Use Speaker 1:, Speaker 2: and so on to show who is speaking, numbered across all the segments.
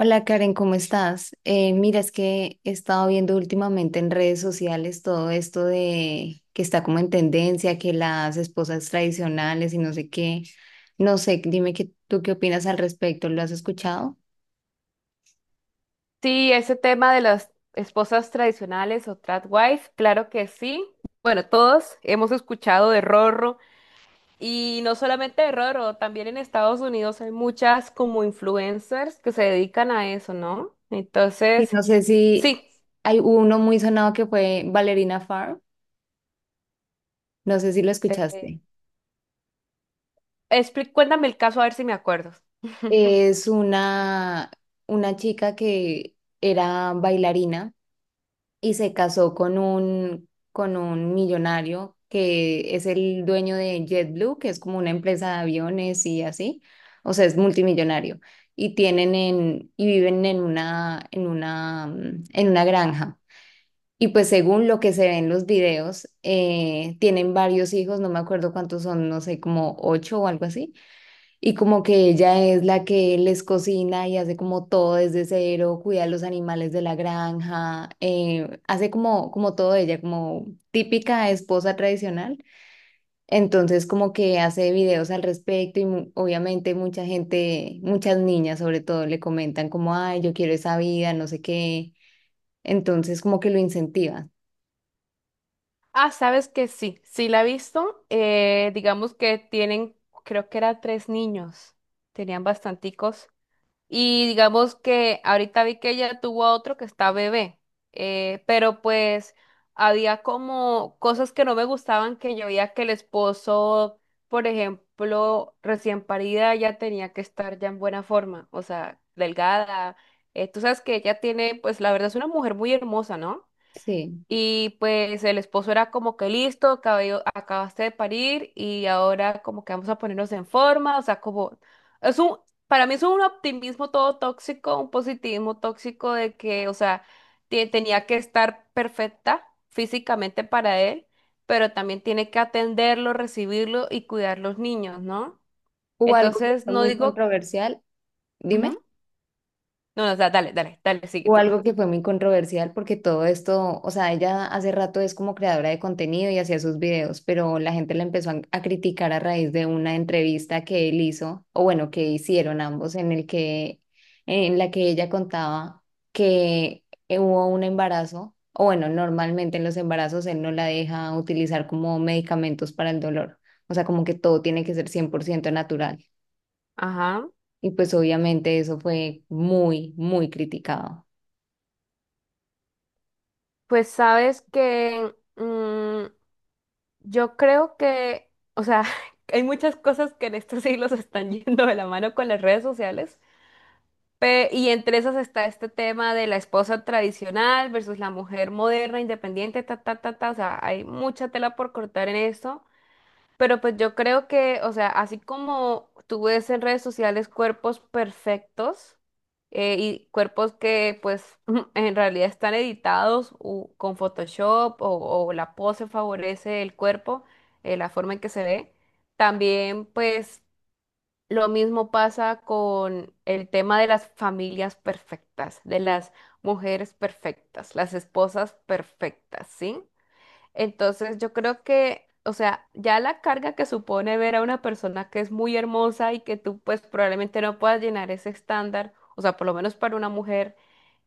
Speaker 1: Hola Karen, ¿cómo estás? Mira, es que he estado viendo últimamente en redes sociales todo esto de que está como en tendencia, que las esposas tradicionales y no sé qué. No sé, dime que, tú qué opinas al respecto, ¿lo has escuchado?
Speaker 2: Sí, ese tema de las esposas tradicionales o tradwives, claro que sí. Bueno, todos hemos escuchado de Rorro y no solamente de Rorro, también en Estados Unidos hay muchas como influencers que se dedican a eso, ¿no?
Speaker 1: Sí,
Speaker 2: Entonces,
Speaker 1: no sé si
Speaker 2: sí.
Speaker 1: hay uno muy sonado que fue Valerina Farr, no sé si lo
Speaker 2: eh,
Speaker 1: escuchaste.
Speaker 2: Cuéntame el caso a ver si me acuerdo.
Speaker 1: Es una chica que era bailarina y se casó con con un millonario que es el dueño de JetBlue, que es como una empresa de aviones y así, o sea, es multimillonario. Y viven en en una granja. Y pues según lo que se ve en los videos, tienen varios hijos, no me acuerdo cuántos son, no sé, como ocho o algo así. Y como que ella es la que les cocina y hace como todo desde cero, cuida a los animales de la granja, hace como, como todo ella, como típica esposa tradicional. Entonces como que hace videos al respecto y obviamente mucha gente, muchas niñas sobre todo le comentan como, ay, yo quiero esa vida, no sé qué. Entonces como que lo incentiva.
Speaker 2: Ah, sabes que sí, sí la he visto. Digamos que tienen, creo que eran tres niños, tenían bastanticos. Y digamos que ahorita vi que ella tuvo a otro que está bebé, pero pues había como cosas que no me gustaban que yo veía que el esposo, por ejemplo, recién parida ya tenía que estar ya en buena forma, o sea, delgada. Tú sabes que ella tiene, pues la verdad es una mujer muy hermosa, ¿no?
Speaker 1: Sí.
Speaker 2: Y pues el esposo era como que listo, acabaste de parir y ahora como que vamos a ponernos en forma, o sea, como es un, para mí es un optimismo todo tóxico, un positivismo tóxico de que, o sea, tenía que estar perfecta físicamente para él, pero también tiene que atenderlo, recibirlo y cuidar los niños, ¿no?
Speaker 1: Hubo algo que
Speaker 2: Entonces,
Speaker 1: fue
Speaker 2: no
Speaker 1: muy
Speaker 2: digo,
Speaker 1: controversial. Dime.
Speaker 2: ujú. No, no, o sea, dale, dale, dale, sigue
Speaker 1: O
Speaker 2: tú.
Speaker 1: algo que fue muy controversial porque todo esto, o sea, ella hace rato es como creadora de contenido y hacía sus videos, pero la gente la empezó a criticar a raíz de una entrevista que él hizo, o bueno, que hicieron ambos, en en la que ella contaba que hubo un embarazo, o bueno, normalmente en los embarazos él no la deja utilizar como medicamentos para el dolor, o sea, como que todo tiene que ser 100% natural.
Speaker 2: Ajá.
Speaker 1: Y pues obviamente eso fue muy criticado.
Speaker 2: Pues sabes que... yo creo que, o sea, hay muchas cosas que en estos siglos están yendo de la mano con las redes sociales, y entre esas está este tema de la esposa tradicional versus la mujer moderna, independiente, ta, ta, ta, ta, o sea, hay mucha tela por cortar en esto. Pero pues yo creo que, o sea, así como tú ves en redes sociales cuerpos perfectos y cuerpos que pues en realidad están editados con Photoshop o la pose favorece el cuerpo, la forma en que se ve, también pues lo mismo pasa con el tema de las familias perfectas, de las mujeres perfectas, las esposas perfectas, ¿sí? Entonces yo creo que, o sea, ya la carga que supone ver a una persona que es muy hermosa y que tú pues probablemente no puedas llenar ese estándar, o sea, por lo menos para una mujer,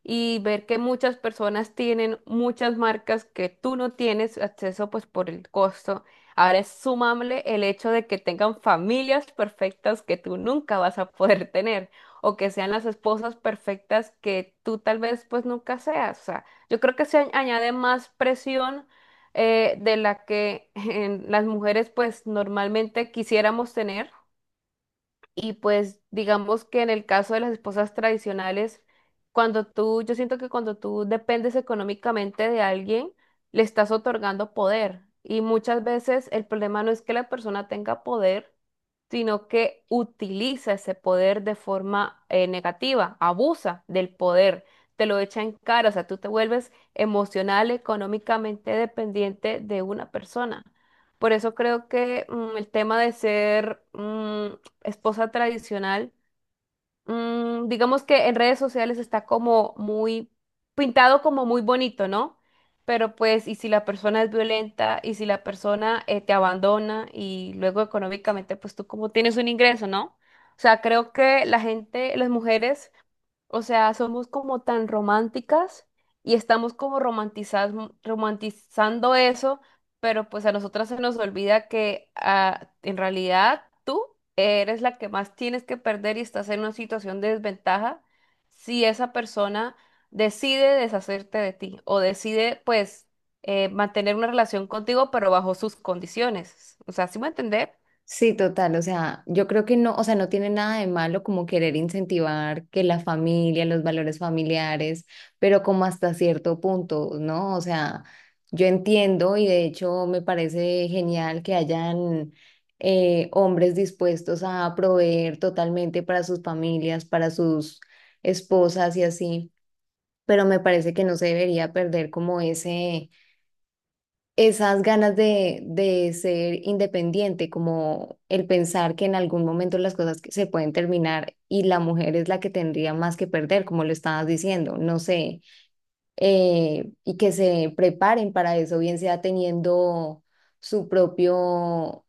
Speaker 2: y ver que muchas personas tienen muchas marcas que tú no tienes acceso pues por el costo. Ahora es sumable el hecho de que tengan familias perfectas que tú nunca vas a poder tener o que sean las esposas perfectas que tú tal vez pues nunca seas. O sea, yo creo que se añade más presión de la que en las mujeres pues normalmente quisiéramos tener y pues digamos que en el caso de las esposas tradicionales, cuando tú, yo siento que cuando tú dependes económicamente de alguien, le estás otorgando poder. Y muchas veces el problema no es que la persona tenga poder, sino que utiliza ese poder de forma negativa, abusa del poder, te lo echa en cara, o sea, tú te vuelves emocional, económicamente dependiente de una persona. Por eso creo que el tema de ser esposa tradicional, digamos que en redes sociales está como muy pintado como muy bonito, ¿no? Pero pues, y si la persona es violenta, y si la persona te abandona, y luego económicamente, pues tú como tienes un ingreso, ¿no? O sea, creo que la gente, las mujeres o sea, somos como tan románticas y estamos como romantizando eso, pero pues a nosotras se nos olvida que ah, en realidad tú eres la que más tienes que perder y estás en una situación de desventaja si esa persona decide deshacerte de ti o decide pues mantener una relación contigo, pero bajo sus condiciones. O sea, ¿sí me entender?
Speaker 1: Sí, total, o sea, yo creo que no, o sea, no tiene nada de malo como querer incentivar que la familia, los valores familiares, pero como hasta cierto punto, ¿no? O sea, yo entiendo y de hecho me parece genial que hayan hombres dispuestos a proveer totalmente para sus familias, para sus esposas y así, pero me parece que no se debería perder como ese esas ganas de ser independiente, como el pensar que en algún momento las cosas se pueden terminar y la mujer es la que tendría más que perder, como lo estabas diciendo, no sé, y que se preparen para eso, bien sea teniendo su propio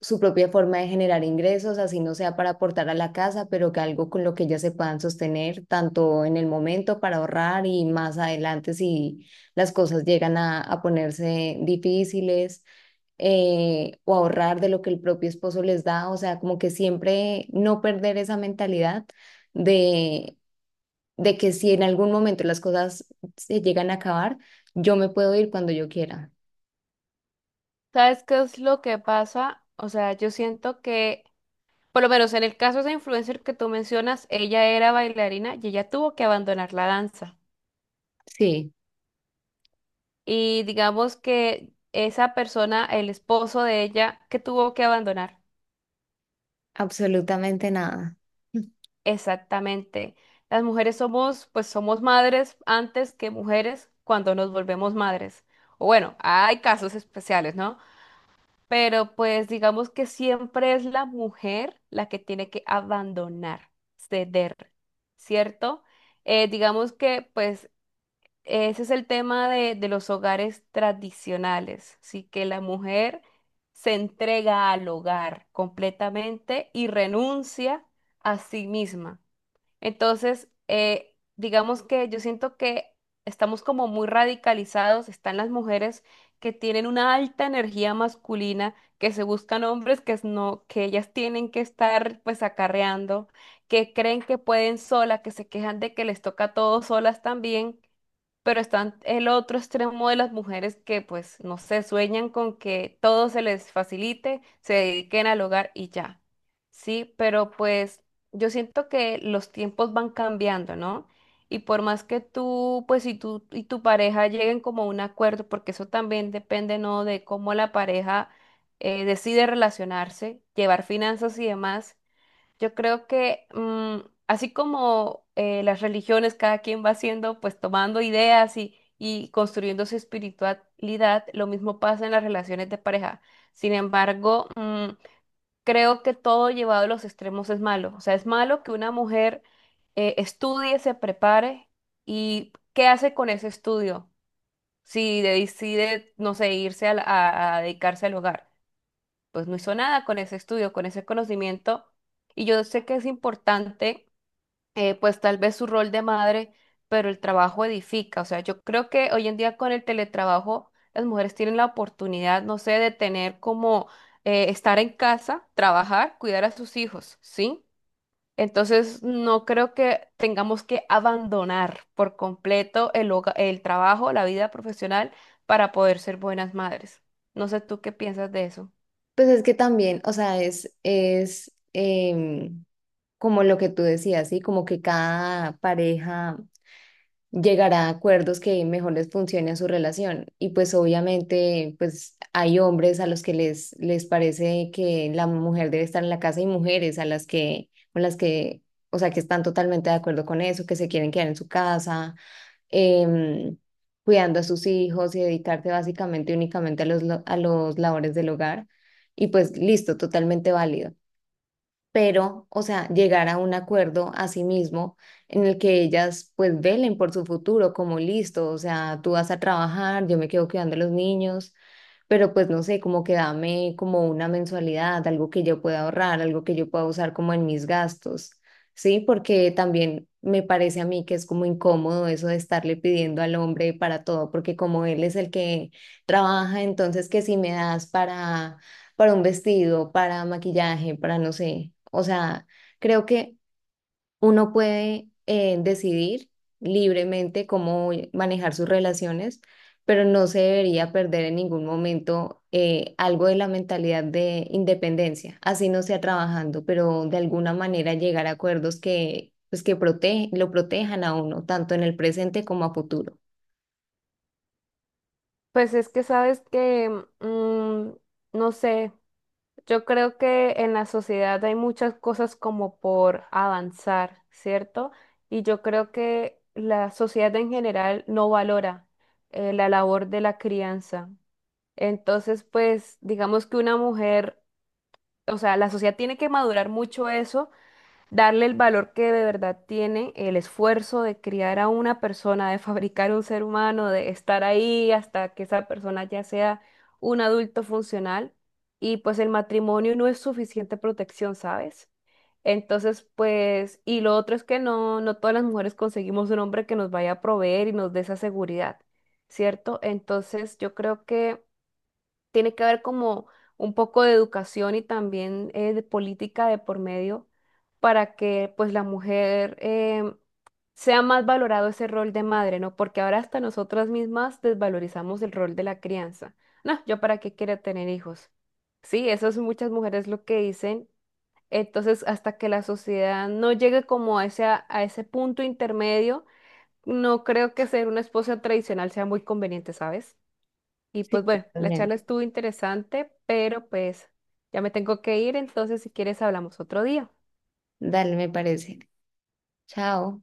Speaker 1: su propia forma de generar ingresos, así no sea para aportar a la casa, pero que algo con lo que ellas se puedan sostener, tanto en el momento para ahorrar y más adelante si las cosas llegan a ponerse difíciles o ahorrar de lo que el propio esposo les da, o sea, como que siempre no perder esa mentalidad de, de que si en algún momento las cosas se llegan a acabar, yo me puedo ir cuando yo quiera.
Speaker 2: ¿Sabes qué es lo que pasa? O sea, yo siento que por lo menos en el caso de esa influencer que tú mencionas, ella era bailarina y ella tuvo que abandonar la danza.
Speaker 1: Sí,
Speaker 2: Y digamos que esa persona, el esposo de ella, que tuvo que abandonar.
Speaker 1: absolutamente nada.
Speaker 2: Exactamente. Las mujeres somos, pues somos madres antes que mujeres cuando nos volvemos madres. O bueno, hay casos especiales, ¿no? Pero pues digamos que siempre es la mujer la que tiene que abandonar, ceder, ¿cierto? Digamos que pues ese es el tema de los hogares tradicionales, sí que la mujer se entrega al hogar completamente y renuncia a sí misma. Entonces, digamos que yo siento que estamos como muy radicalizados, están las mujeres que tienen una alta energía masculina, que se buscan hombres que es no, que ellas tienen que estar pues acarreando, que creen que pueden sola, que se quejan de que les toca todo solas también, pero están el otro extremo de las mujeres que pues no sé, sueñan con que todo se les facilite, se dediquen al hogar y ya. Sí, pero pues yo siento que los tiempos van cambiando, ¿no? Y por más que tú, pues si tú y tu pareja lleguen como a un acuerdo, porque eso también depende, ¿no? De cómo la pareja decide relacionarse, llevar finanzas y demás, yo creo que así como las religiones, cada quien va haciendo, pues tomando ideas y construyendo su espiritualidad, lo mismo pasa en las relaciones de pareja. Sin embargo, creo que todo llevado a los extremos es malo. O sea, es malo que una mujer estudie, se prepare y ¿qué hace con ese estudio? Si decide, no sé, a dedicarse al hogar, pues no hizo nada con ese estudio, con ese conocimiento. Y yo sé que es importante pues tal vez su rol de madre, pero el trabajo edifica. O sea, yo creo que hoy en día con el teletrabajo las mujeres tienen la oportunidad, no sé, de tener como estar en casa, trabajar, cuidar a sus hijos, ¿sí? Entonces, no creo que tengamos que abandonar por completo el trabajo, la vida profesional para poder ser buenas madres. No sé tú qué piensas de eso.
Speaker 1: Pues es que también, o sea, es como lo que tú decías, ¿sí? Como que cada pareja llegará a acuerdos que mejor les funcione a su relación. Y pues obviamente, pues hay hombres a los que les parece que la mujer debe estar en la casa y mujeres a las que, con las que, o sea, que están totalmente de acuerdo con eso, que se quieren quedar en su casa em, cuidando a sus hijos y dedicarse básicamente únicamente a los labores del hogar. Y pues listo, totalmente válido pero, o sea, llegar a un acuerdo a sí mismo en el que ellas pues velen por su futuro, como listo, o sea, tú vas a trabajar, yo me quedo cuidando a los niños, pero pues no sé, como que dame como una mensualidad, algo que yo pueda ahorrar, algo que yo pueda usar como en mis gastos, ¿sí? Porque también me parece a mí que es como incómodo eso de estarle pidiendo al hombre para todo, porque como él es el que trabaja, entonces que si me das para un vestido, para maquillaje, para no sé. O sea, creo que uno puede decidir libremente cómo manejar sus relaciones, pero no se debería perder en ningún momento algo de la mentalidad de independencia, así no sea trabajando, pero de alguna manera llegar a acuerdos que, pues, lo protejan a uno, tanto en el presente como a futuro.
Speaker 2: Pues es que sabes que, mm, no sé. Yo creo que en la sociedad hay muchas cosas como por avanzar, ¿cierto? Y yo creo que la sociedad en general no valora la labor de la crianza. Entonces, pues, digamos que una mujer, o sea, la sociedad tiene que madurar mucho eso, darle el valor que de verdad tiene el esfuerzo de criar a una persona, de fabricar un ser humano, de estar ahí hasta que esa persona ya sea un adulto funcional. Y pues el matrimonio no es suficiente protección, ¿sabes? Entonces, pues, y lo otro es que no, no todas las mujeres conseguimos un hombre que nos vaya a proveer y nos dé esa seguridad, ¿cierto? Entonces, yo creo que tiene que haber como un poco de educación y también de política de por medio para que pues la mujer sea más valorado ese rol de madre, ¿no? Porque ahora hasta nosotras mismas desvalorizamos el rol de la crianza. No, yo para qué quiero tener hijos. Sí, eso es muchas mujeres lo que dicen. Entonces, hasta que la sociedad no llegue como a ese punto intermedio, no creo que ser una esposa tradicional sea muy conveniente, ¿sabes? Y
Speaker 1: Sí,
Speaker 2: pues bueno, la charla
Speaker 1: totalmente.
Speaker 2: estuvo interesante, pero pues ya me tengo que ir, entonces si quieres hablamos otro día.
Speaker 1: Dale, me parece. Chao.